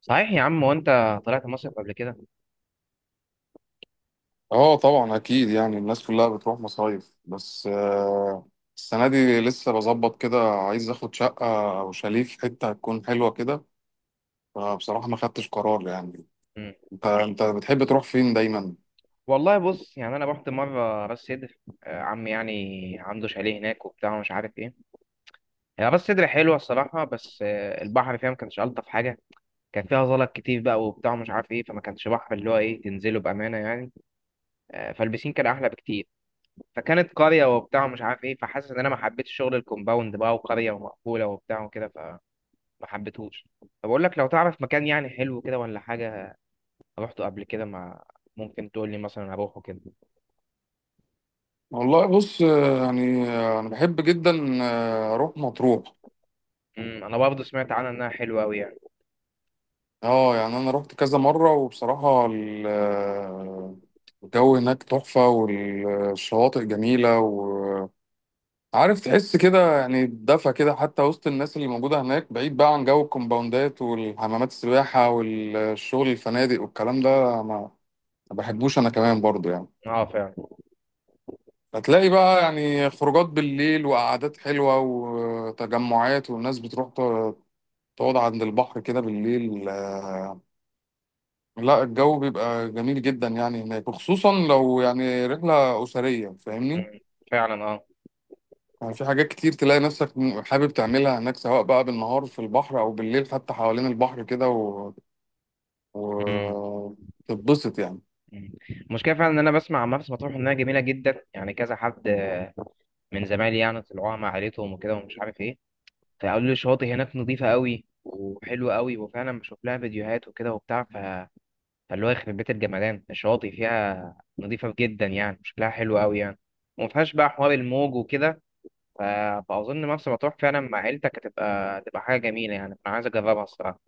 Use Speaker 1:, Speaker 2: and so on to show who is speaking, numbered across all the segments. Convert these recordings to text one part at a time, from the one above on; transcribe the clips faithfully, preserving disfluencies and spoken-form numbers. Speaker 1: صحيح يا عم، وانت طلعت مصيف قبل كده؟
Speaker 2: اه طبعا اكيد يعني الناس كلها بتروح مصايف بس آه، السنه دي لسه بظبط كده عايز اخد شقه او شاليه في حته هتكون حلوه كده. فبصراحه ما خدتش قرار يعني.
Speaker 1: مم.
Speaker 2: انت انت بتحب تروح فين دايما؟
Speaker 1: والله بص يعني انا رحت مره راس سدر. آه، عمي يعني عنده شاليه هناك وبتاع ومش عارف ايه. هي راس سدر حلوه الصراحه، بس آه، البحر فيها ما كانش الطف حاجه. كان فيها زلط كتير بقى وبتاع ومش عارف ايه، فما كانش بحر اللي هو ايه تنزله بامانه يعني. آه، فالبسين كان احلى بكتير. فكانت قريه وبتاع ومش عارف ايه، فحاسس ان انا ما حبيتش شغل الكومباوند بقى وقريه ومقفوله وبتاع وكده، فما حبيتهوش. فبقول لك لو تعرف مكان يعني حلو كده ولا حاجه روحته قبل كده مع ممكن تقول لي مثلا هروحه كده.
Speaker 2: والله بص، آه، يعني آه، انا بحب جدا آه، اروح مطروح.
Speaker 1: امم، انا برضه سمعت عنها انها حلوه قوي يعني.
Speaker 2: اه يعني انا رحت كذا مره وبصراحه ال- آه، الجو هناك تحفه والشواطئ جميله. عارف تحس كده يعني بدفى كده حتى وسط الناس اللي موجودة هناك، بعيد بقى عن جو الكومباوندات والحمامات السباحة والشغل الفنادق والكلام ده. ما ما بحبوش أنا كمان برضو يعني.
Speaker 1: اه فعلا.
Speaker 2: هتلاقي بقى يعني خروجات بالليل وقعدات حلوة وتجمعات، والناس بتروح ت- تقعد عند البحر كده بالليل. آه، لا الجو بيبقى جميل جدا يعني هناك، وخصوصا لو يعني رحلة أسرية، فاهمني؟
Speaker 1: امم فعلا اه.
Speaker 2: يعني في حاجات كتير تلاقي نفسك م- حابب تعملها هناك، سواء بقى بالنهار في البحر او بالليل حتى حوالين البحر كده و...
Speaker 1: امم.
Speaker 2: و... تتبسط يعني.
Speaker 1: أمم. المشكله فعلا ان انا بسمع عن مرسى مطروح انها جميله جدا يعني. كذا حد آه، من زمايلي يعني طلعوها مع عيلتهم وكده ومش عارف ايه، فقالوا لي الشواطئ هناك نظيفه قوي وحلوه قوي، وفعلا بشوف لها فيديوهات وكده وبتاع. ف فاللي هو يخرب بيت الجمدان الشواطئ فيها نظيفه جدا يعني، شكلها حلو قوي يعني. وما فيهاش بقى حوار الموج وكده. ف- فأظن مرسى مطروح فعلا مع عيلتك هتبقى هتبقى حاجة جميلة يعني. أنا عايز أجربها الصراحة.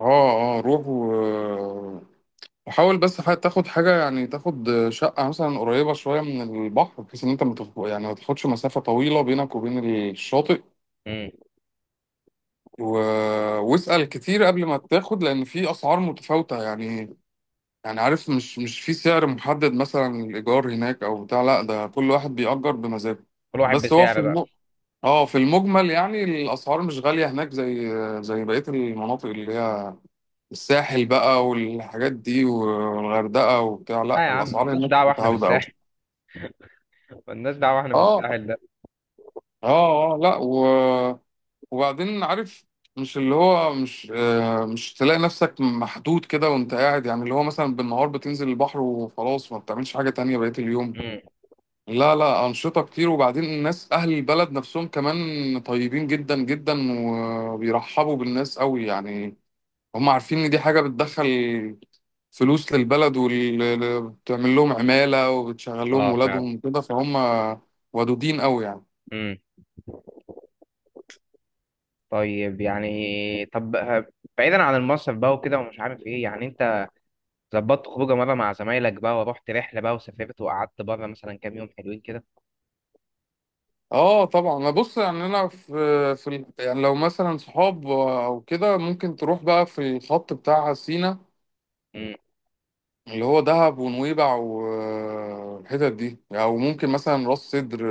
Speaker 2: اه اه روح و... وحاول بس ح- تاخد حاجة، يعني تاخد شقة مثلا قريبة شوية من البحر، بحيث ان انت متف... يعني ما تاخدش مسافة طويلة بينك وبين الشاطئ.
Speaker 1: مم.
Speaker 2: و... واسأل كتير قبل ما تاخد، لان في اسعار متفاوتة يعني. يعني عارف، مش مش في سعر محدد مثلا الإيجار هناك أو بتاع، لا ده كل واحد بيأجر بمزاجه.
Speaker 1: كل واحد
Speaker 2: بس هو في
Speaker 1: بسعر بقى.
Speaker 2: الم... اه في المجمل يعني الأسعار مش غالية هناك زي زي بقية المناطق اللي هي الساحل بقى والحاجات دي والغردقة وبتاع.
Speaker 1: آه
Speaker 2: لا
Speaker 1: يا عم،
Speaker 2: الأسعار
Speaker 1: مالناش
Speaker 2: هناك
Speaker 1: دعوة إحنا
Speaker 2: متعودة أوي.
Speaker 1: بالساحل. مالناش دعوة إحنا
Speaker 2: اه
Speaker 1: بالساحل ده.
Speaker 2: اه اه لا، و... وبعدين عارف، مش اللي هو مش آه مش تلاقي نفسك محدود كده وانت قاعد. يعني اللي هو مثلا بالنهار بتنزل البحر وخلاص، ما بتعملش حاجة تانية بقية اليوم؟
Speaker 1: مم.
Speaker 2: لا لا، أنشطة كتير. وبعدين الناس أهل البلد نفسهم كمان طيبين جدا جدا، وبيرحبوا بالناس قوي يعني. هم عارفين إن دي حاجة بتدخل فلوس للبلد وبتعمل لهم عمالة وبتشغل لهم
Speaker 1: آه فعلا.
Speaker 2: ولادهم وكده، فهم ودودين قوي يعني.
Speaker 1: مم. طيب يعني. طب ه- بعيدا عن المصيف بقى وكده ومش عارف إيه، يعني أنت ظبطت خروجة مرة مع زمايلك بقى ورحت رحلة بقى وسافرت وقعدت بره مثلا كام يوم حلوين كده؟
Speaker 2: اه طبعا. ما بص يعني انا في في ال- يعني لو مثلا صحاب او كده، ممكن تروح بقى في الخط بتاع سينا،
Speaker 1: مم.
Speaker 2: اللي هو دهب ونويبع والحتت دي، او يعني ممكن مثلا راس سدر.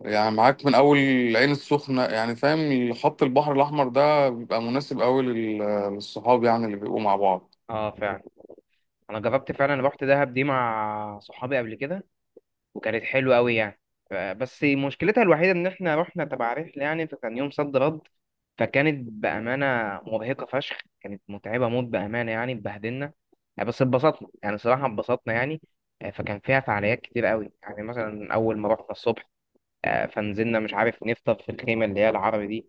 Speaker 2: يعني معاك من اول العين السخنه، يعني فاهم، خط البحر الاحمر ده بيبقى مناسب قوي لل- للصحاب يعني اللي بيبقوا مع بعض.
Speaker 1: آه فعلا. أنا جربت فعلا، رحت دهب دي مع صحابي قبل كده وكانت حلوة أوي يعني. ف- بس مشكلتها الوحيدة إن إحنا رحنا تبع رحلة يعني، فكان يوم صد رد. فكانت بأمانة مرهقة فشخ، كانت متعبة موت بأمانة يعني، اتبهدلنا يعني. بس اتبسطنا يعني، صراحة اتبسطنا يعني. آه، فكان فيها فعاليات كتير أوي يعني. مثلا أول ما رحنا الصبح، آه، فنزلنا مش عارف نفطر في الخيمة اللي هي العربي دي،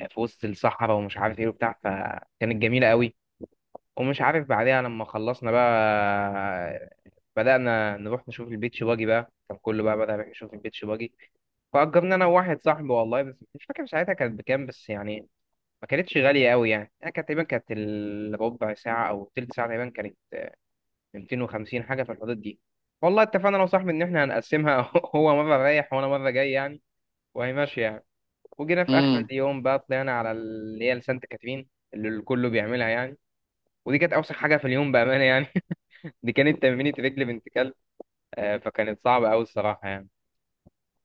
Speaker 1: آه، في وسط الصحراء ومش عارف إيه وبتاع، فكانت جميلة أوي. ومش عارف بعدها لما خلصنا بقى، بدأنا نروح نشوف البيتش باجي بقى. كان كله بقى بدأ يشوف البيتش باجي، فأجرنا أنا وواحد صاحبي. والله بس مش فاكر ساعتها كانت بكام بس يعني، ما كانتش غالية قوي يعني. أنا كانت تقريبا كانت الربع ساعة أو تلت ساعة تقريبا، كانت مئتين وخمسين حاجة في الحدود دي. والله اتفقنا أنا وصاحبي إن إحنا هنقسمها، هو مرة رايح وأنا مرة جاي يعني، وهي ماشية يعني. وجينا في آخر
Speaker 2: امم،
Speaker 1: اليوم بقى طلعنا على اللي هي لسانت كاترين، اللي الكل بيعملها يعني. ودي كانت أوسخ حاجة في اليوم بأمانة يعني، دي كانت تمرينة رجل بنت كلب. آه، فكانت صعبة أوي الصراحة يعني.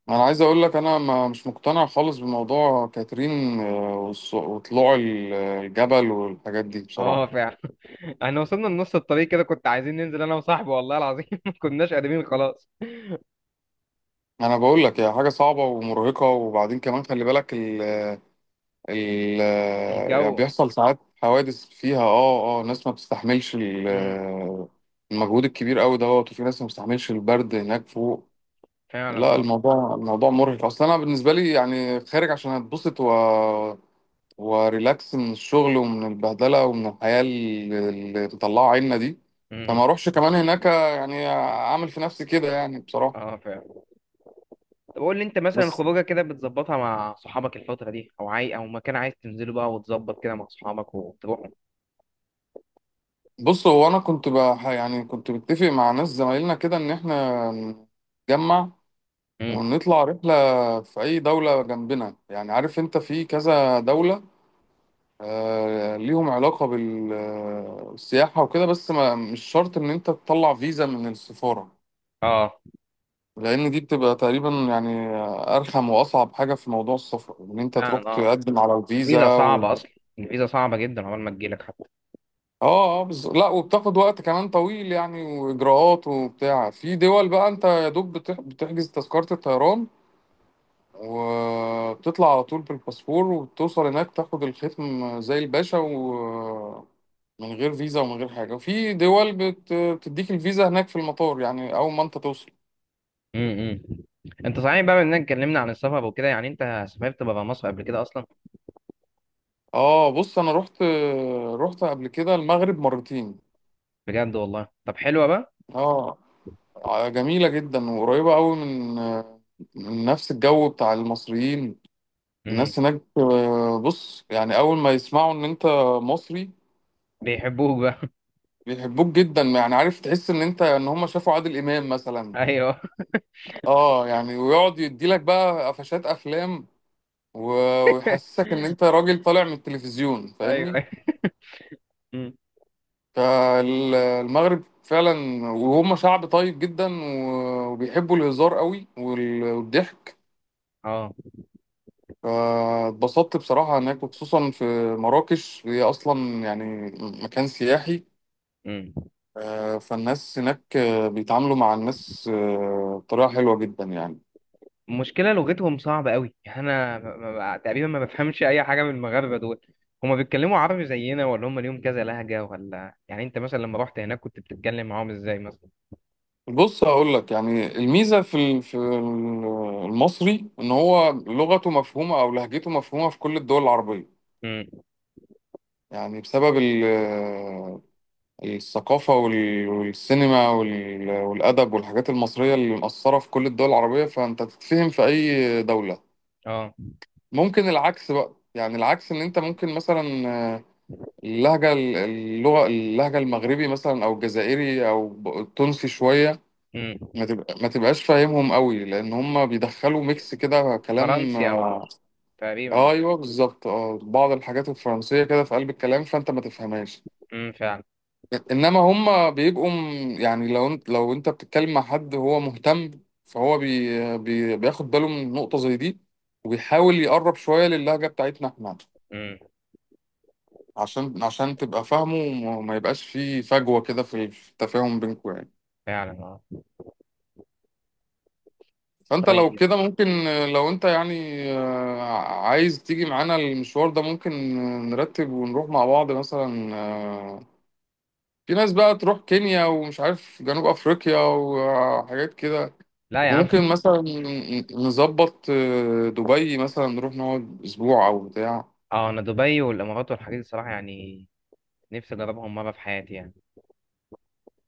Speaker 2: انا عايز اقول لك انا ما مش مقتنع خالص بموضوع كاترين، آه، والص- وطلوع ال- الجبل والحاجات دي بصراحه.
Speaker 1: اه فعلا. احنا وصلنا لنص الطريق كده، كنت عايزين ننزل انا وصاحبي والله العظيم. ما كناش قادرين خلاص.
Speaker 2: انا بقول لك هي حاجه صعبه ومرهقه، وبعدين كمان خلي بالك ال ال يعني
Speaker 1: الجو.
Speaker 2: بيحصل ساعات حوادث فيها. اه اه ناس ما بتستحملش
Speaker 1: امم
Speaker 2: ال- المجهود الكبير قوي دوت، وفي ناس ما بتستحملش البرد هناك فوق.
Speaker 1: فعلا
Speaker 2: لا
Speaker 1: اه.
Speaker 2: الموضوع الموضوع مرهق اصلا. انا بالنسبه لي يعني خارج عشان اتبسط و وريلاكس من الشغل ومن البهدله ومن الحياه اللي اللي مطلعه عنا دي،
Speaker 1: امم.
Speaker 2: فما اروحش كمان هناك يعني اعمل في نفسي كده يعني بصراحه.
Speaker 1: اه فعلا. طب قول لي انت مثلا
Speaker 2: بس
Speaker 1: خروجه كده بتظبطها مع صحابك الفترة دي، او عاي او مكان عايز تنزله بقى وتظبط كده مع صحابك وتروحوا؟
Speaker 2: بص، هو انا كنت بح، يعني كنت متفق مع ناس زمايلنا كده ان احنا نتجمع
Speaker 1: امم.
Speaker 2: ونطلع رحله في اي دوله جنبنا. يعني عارف انت في كذا دوله آه، ليهم علاقة بال- آه، بالسياحة وكده، بس ما مش شرط إن أنت تطلع فيزا من السفارة،
Speaker 1: اه
Speaker 2: لأن دي بتبقى تقريبا يعني آه، أرخم وأصعب حاجة في موضوع السفر إن أنت تروح
Speaker 1: فعلا. اه،
Speaker 2: تقدم على
Speaker 1: الفيزا
Speaker 2: الفيزا و...
Speaker 1: صعبة اصلا. الفيزا صعبة جدا عقبال ما تجيلك.
Speaker 2: آه آه بز... لا وبتاخد وقت كمان طويل يعني، وإجراءات وبتاع. في دول بقى أنت يا دوب بتح... بتحجز تذكرة الطيران وبتطلع على طول بالباسبور، وبتوصل هناك تاخد الختم زي الباشا و من غير فيزا ومن غير حاجة. وفي دول بت- بتديك الفيزا هناك في المطار، يعني أول ما أنت توصل.
Speaker 1: امم. امم. انت صحيح بقى، بما اننا اتكلمنا عن السفر وكده يعني انت سافرت بره مصر قبل كده اصلا؟
Speaker 2: اه بص، أنا رحت رحت قبل كده المغرب مرتين.
Speaker 1: بجد والله؟ طب حلوه بقى.
Speaker 2: اه جميلة جدا وقريبة أوي من من نفس الجو بتاع المصريين.
Speaker 1: امم.
Speaker 2: الناس هناك، آه، بص يعني، أول ما يسمعوا إن أنت مصري
Speaker 1: بيحبوك بقى.
Speaker 2: بيحبوك جدا يعني. عارف تحس إن أنت إن هم شافوا عادل إمام مثلا.
Speaker 1: ايوه.
Speaker 2: اه يعني ويقعد يديلك بقى قفشات افلام و- ويحسسك ان انت راجل طالع من التلفزيون،
Speaker 1: ايوه،
Speaker 2: فاهمني؟
Speaker 1: ايوه. امم.
Speaker 2: فالمغرب فعلا، وهم شعب طيب جدا و- وبيحبوا الهزار قوي وال- والضحك.
Speaker 1: اه.
Speaker 2: فاتبسطت بصراحة هناك، وخصوصا في مراكش. هي أصلا يعني مكان سياحي.
Speaker 1: امم.
Speaker 2: آه، فالناس هناك آه، بيتعاملوا مع الناس آه، بطريقة حلوة جدا يعني.
Speaker 1: المشكله لغتهم صعبه قوي يعني، انا ما- ما- تقريبا ما بفهمش اي حاجه من المغاربه دول. هما بيتكلموا عربي زينا، ولا هما ليهم كذا لهجه، ولا يعني انت مثلا لما رحت هناك كنت بتتكلم معاهم ازاي مثلا؟
Speaker 2: بص هقول لك، يعني الميزه في ال- في ال- المصري ان هو لغته مفهومه او لهجته مفهومه في كل الدول العربيه.
Speaker 1: امم.
Speaker 2: يعني بسبب ال- الثقافه وال- والسينما وال- والادب والحاجات المصريه اللي مأثره في كل الدول العربيه، فانت تتفهم في اي دوله.
Speaker 1: اه.
Speaker 2: ممكن العكس بقى، يعني العكس ان انت ممكن مثلا اللهجه اللغه اللهجه المغربي مثلا او الجزائري او التونسي شويه
Speaker 1: امم.
Speaker 2: ما تبقى، ما تبقاش فاهمهم قوي، لان هم بيدخلوا ميكس كده كلام.
Speaker 1: فرنسي او
Speaker 2: آه.
Speaker 1: تقريبا اه.
Speaker 2: ايوه بالظبط، اه بعض الحاجات الفرنسيه كده في قلب الكلام، فانت ما تفهمهاش.
Speaker 1: امم فعلا.
Speaker 2: انما هم بيبقوا م، يعني لو انت، لو انت بتتكلم مع حد هو مهتم، فهو بي بي بياخد باله من نقطه زي دي، وبيحاول يقرب شويه للهجه بتاعتنا احنا،
Speaker 1: امم
Speaker 2: عشان عشان تبقى فاهمه، وما ما يبقاش فيه فجوه كده في التفاهم بينكم يعني.
Speaker 1: فعلا اه.
Speaker 2: فانت لو
Speaker 1: طيب.
Speaker 2: كده ممكن، لو انت يعني آه، عايز تيجي معانا المشوار ده، ممكن نرتب ونروح مع بعض. مثلا آه، في ناس بقى تروح كينيا ومش عارف جنوب افريقيا وحاجات كده،
Speaker 1: لا يا عم.
Speaker 2: وممكن مثلا نظبط آه، دبي مثلا، نروح نقعد اسبوع او بتاع.
Speaker 1: اه، انا دبي والامارات والحاجات دي الصراحه يعني نفسي اجربهم مره في حياتي يعني.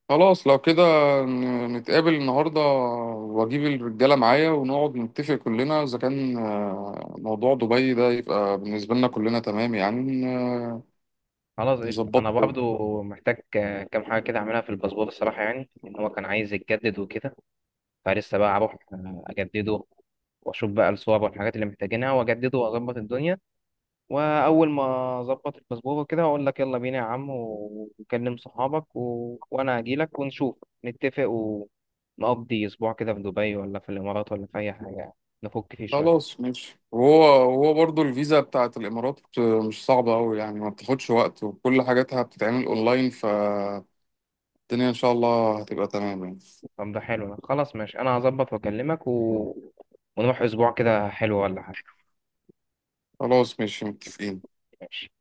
Speaker 2: خلاص لو كده ن- نتقابل النهارده واجيب الرجاله معايا، ونقعد نتفق كلنا اذا كان آه، موضوع دبي ده يبقى بالنسبه لنا كلنا تمام يعني، آه،
Speaker 1: خلاص قشطه، انا
Speaker 2: نظبطه.
Speaker 1: برضو محتاج آه، كام حاجه كده اعملها في الباسبور الصراحه يعني، ان هو كان عايز يتجدد وكده. فلسه بقى اروح آه، اجدده واشوف بقى الصور والحاجات اللي محتاجينها واجدده واظبط الدنيا. واول ما اظبط الباسبور وكده هقول لك يلا بينا يا عم، و- وكلم صحابك و... وانا هجي لك ونشوف نتفق ونقضي اسبوع كده في دبي ولا في الامارات ولا في اي حاجه يعني، نفك فيه شويه.
Speaker 2: خلاص ماشي. وهو وهو برضو الفيزا بتاعت الإمارات مش صعبة أوي يعني، ما بتاخدش وقت وكل حاجاتها بتتعمل أونلاين، فالدنيا إن شاء الله هتبقى تمام يعني.
Speaker 1: طب ده حلو ده، خلاص ماشي، انا هظبط واكلمك و... ونروح اسبوع كده حلو ولا حاجه.
Speaker 2: خلاص ماشي متفقين.
Speaker 1: ماشي.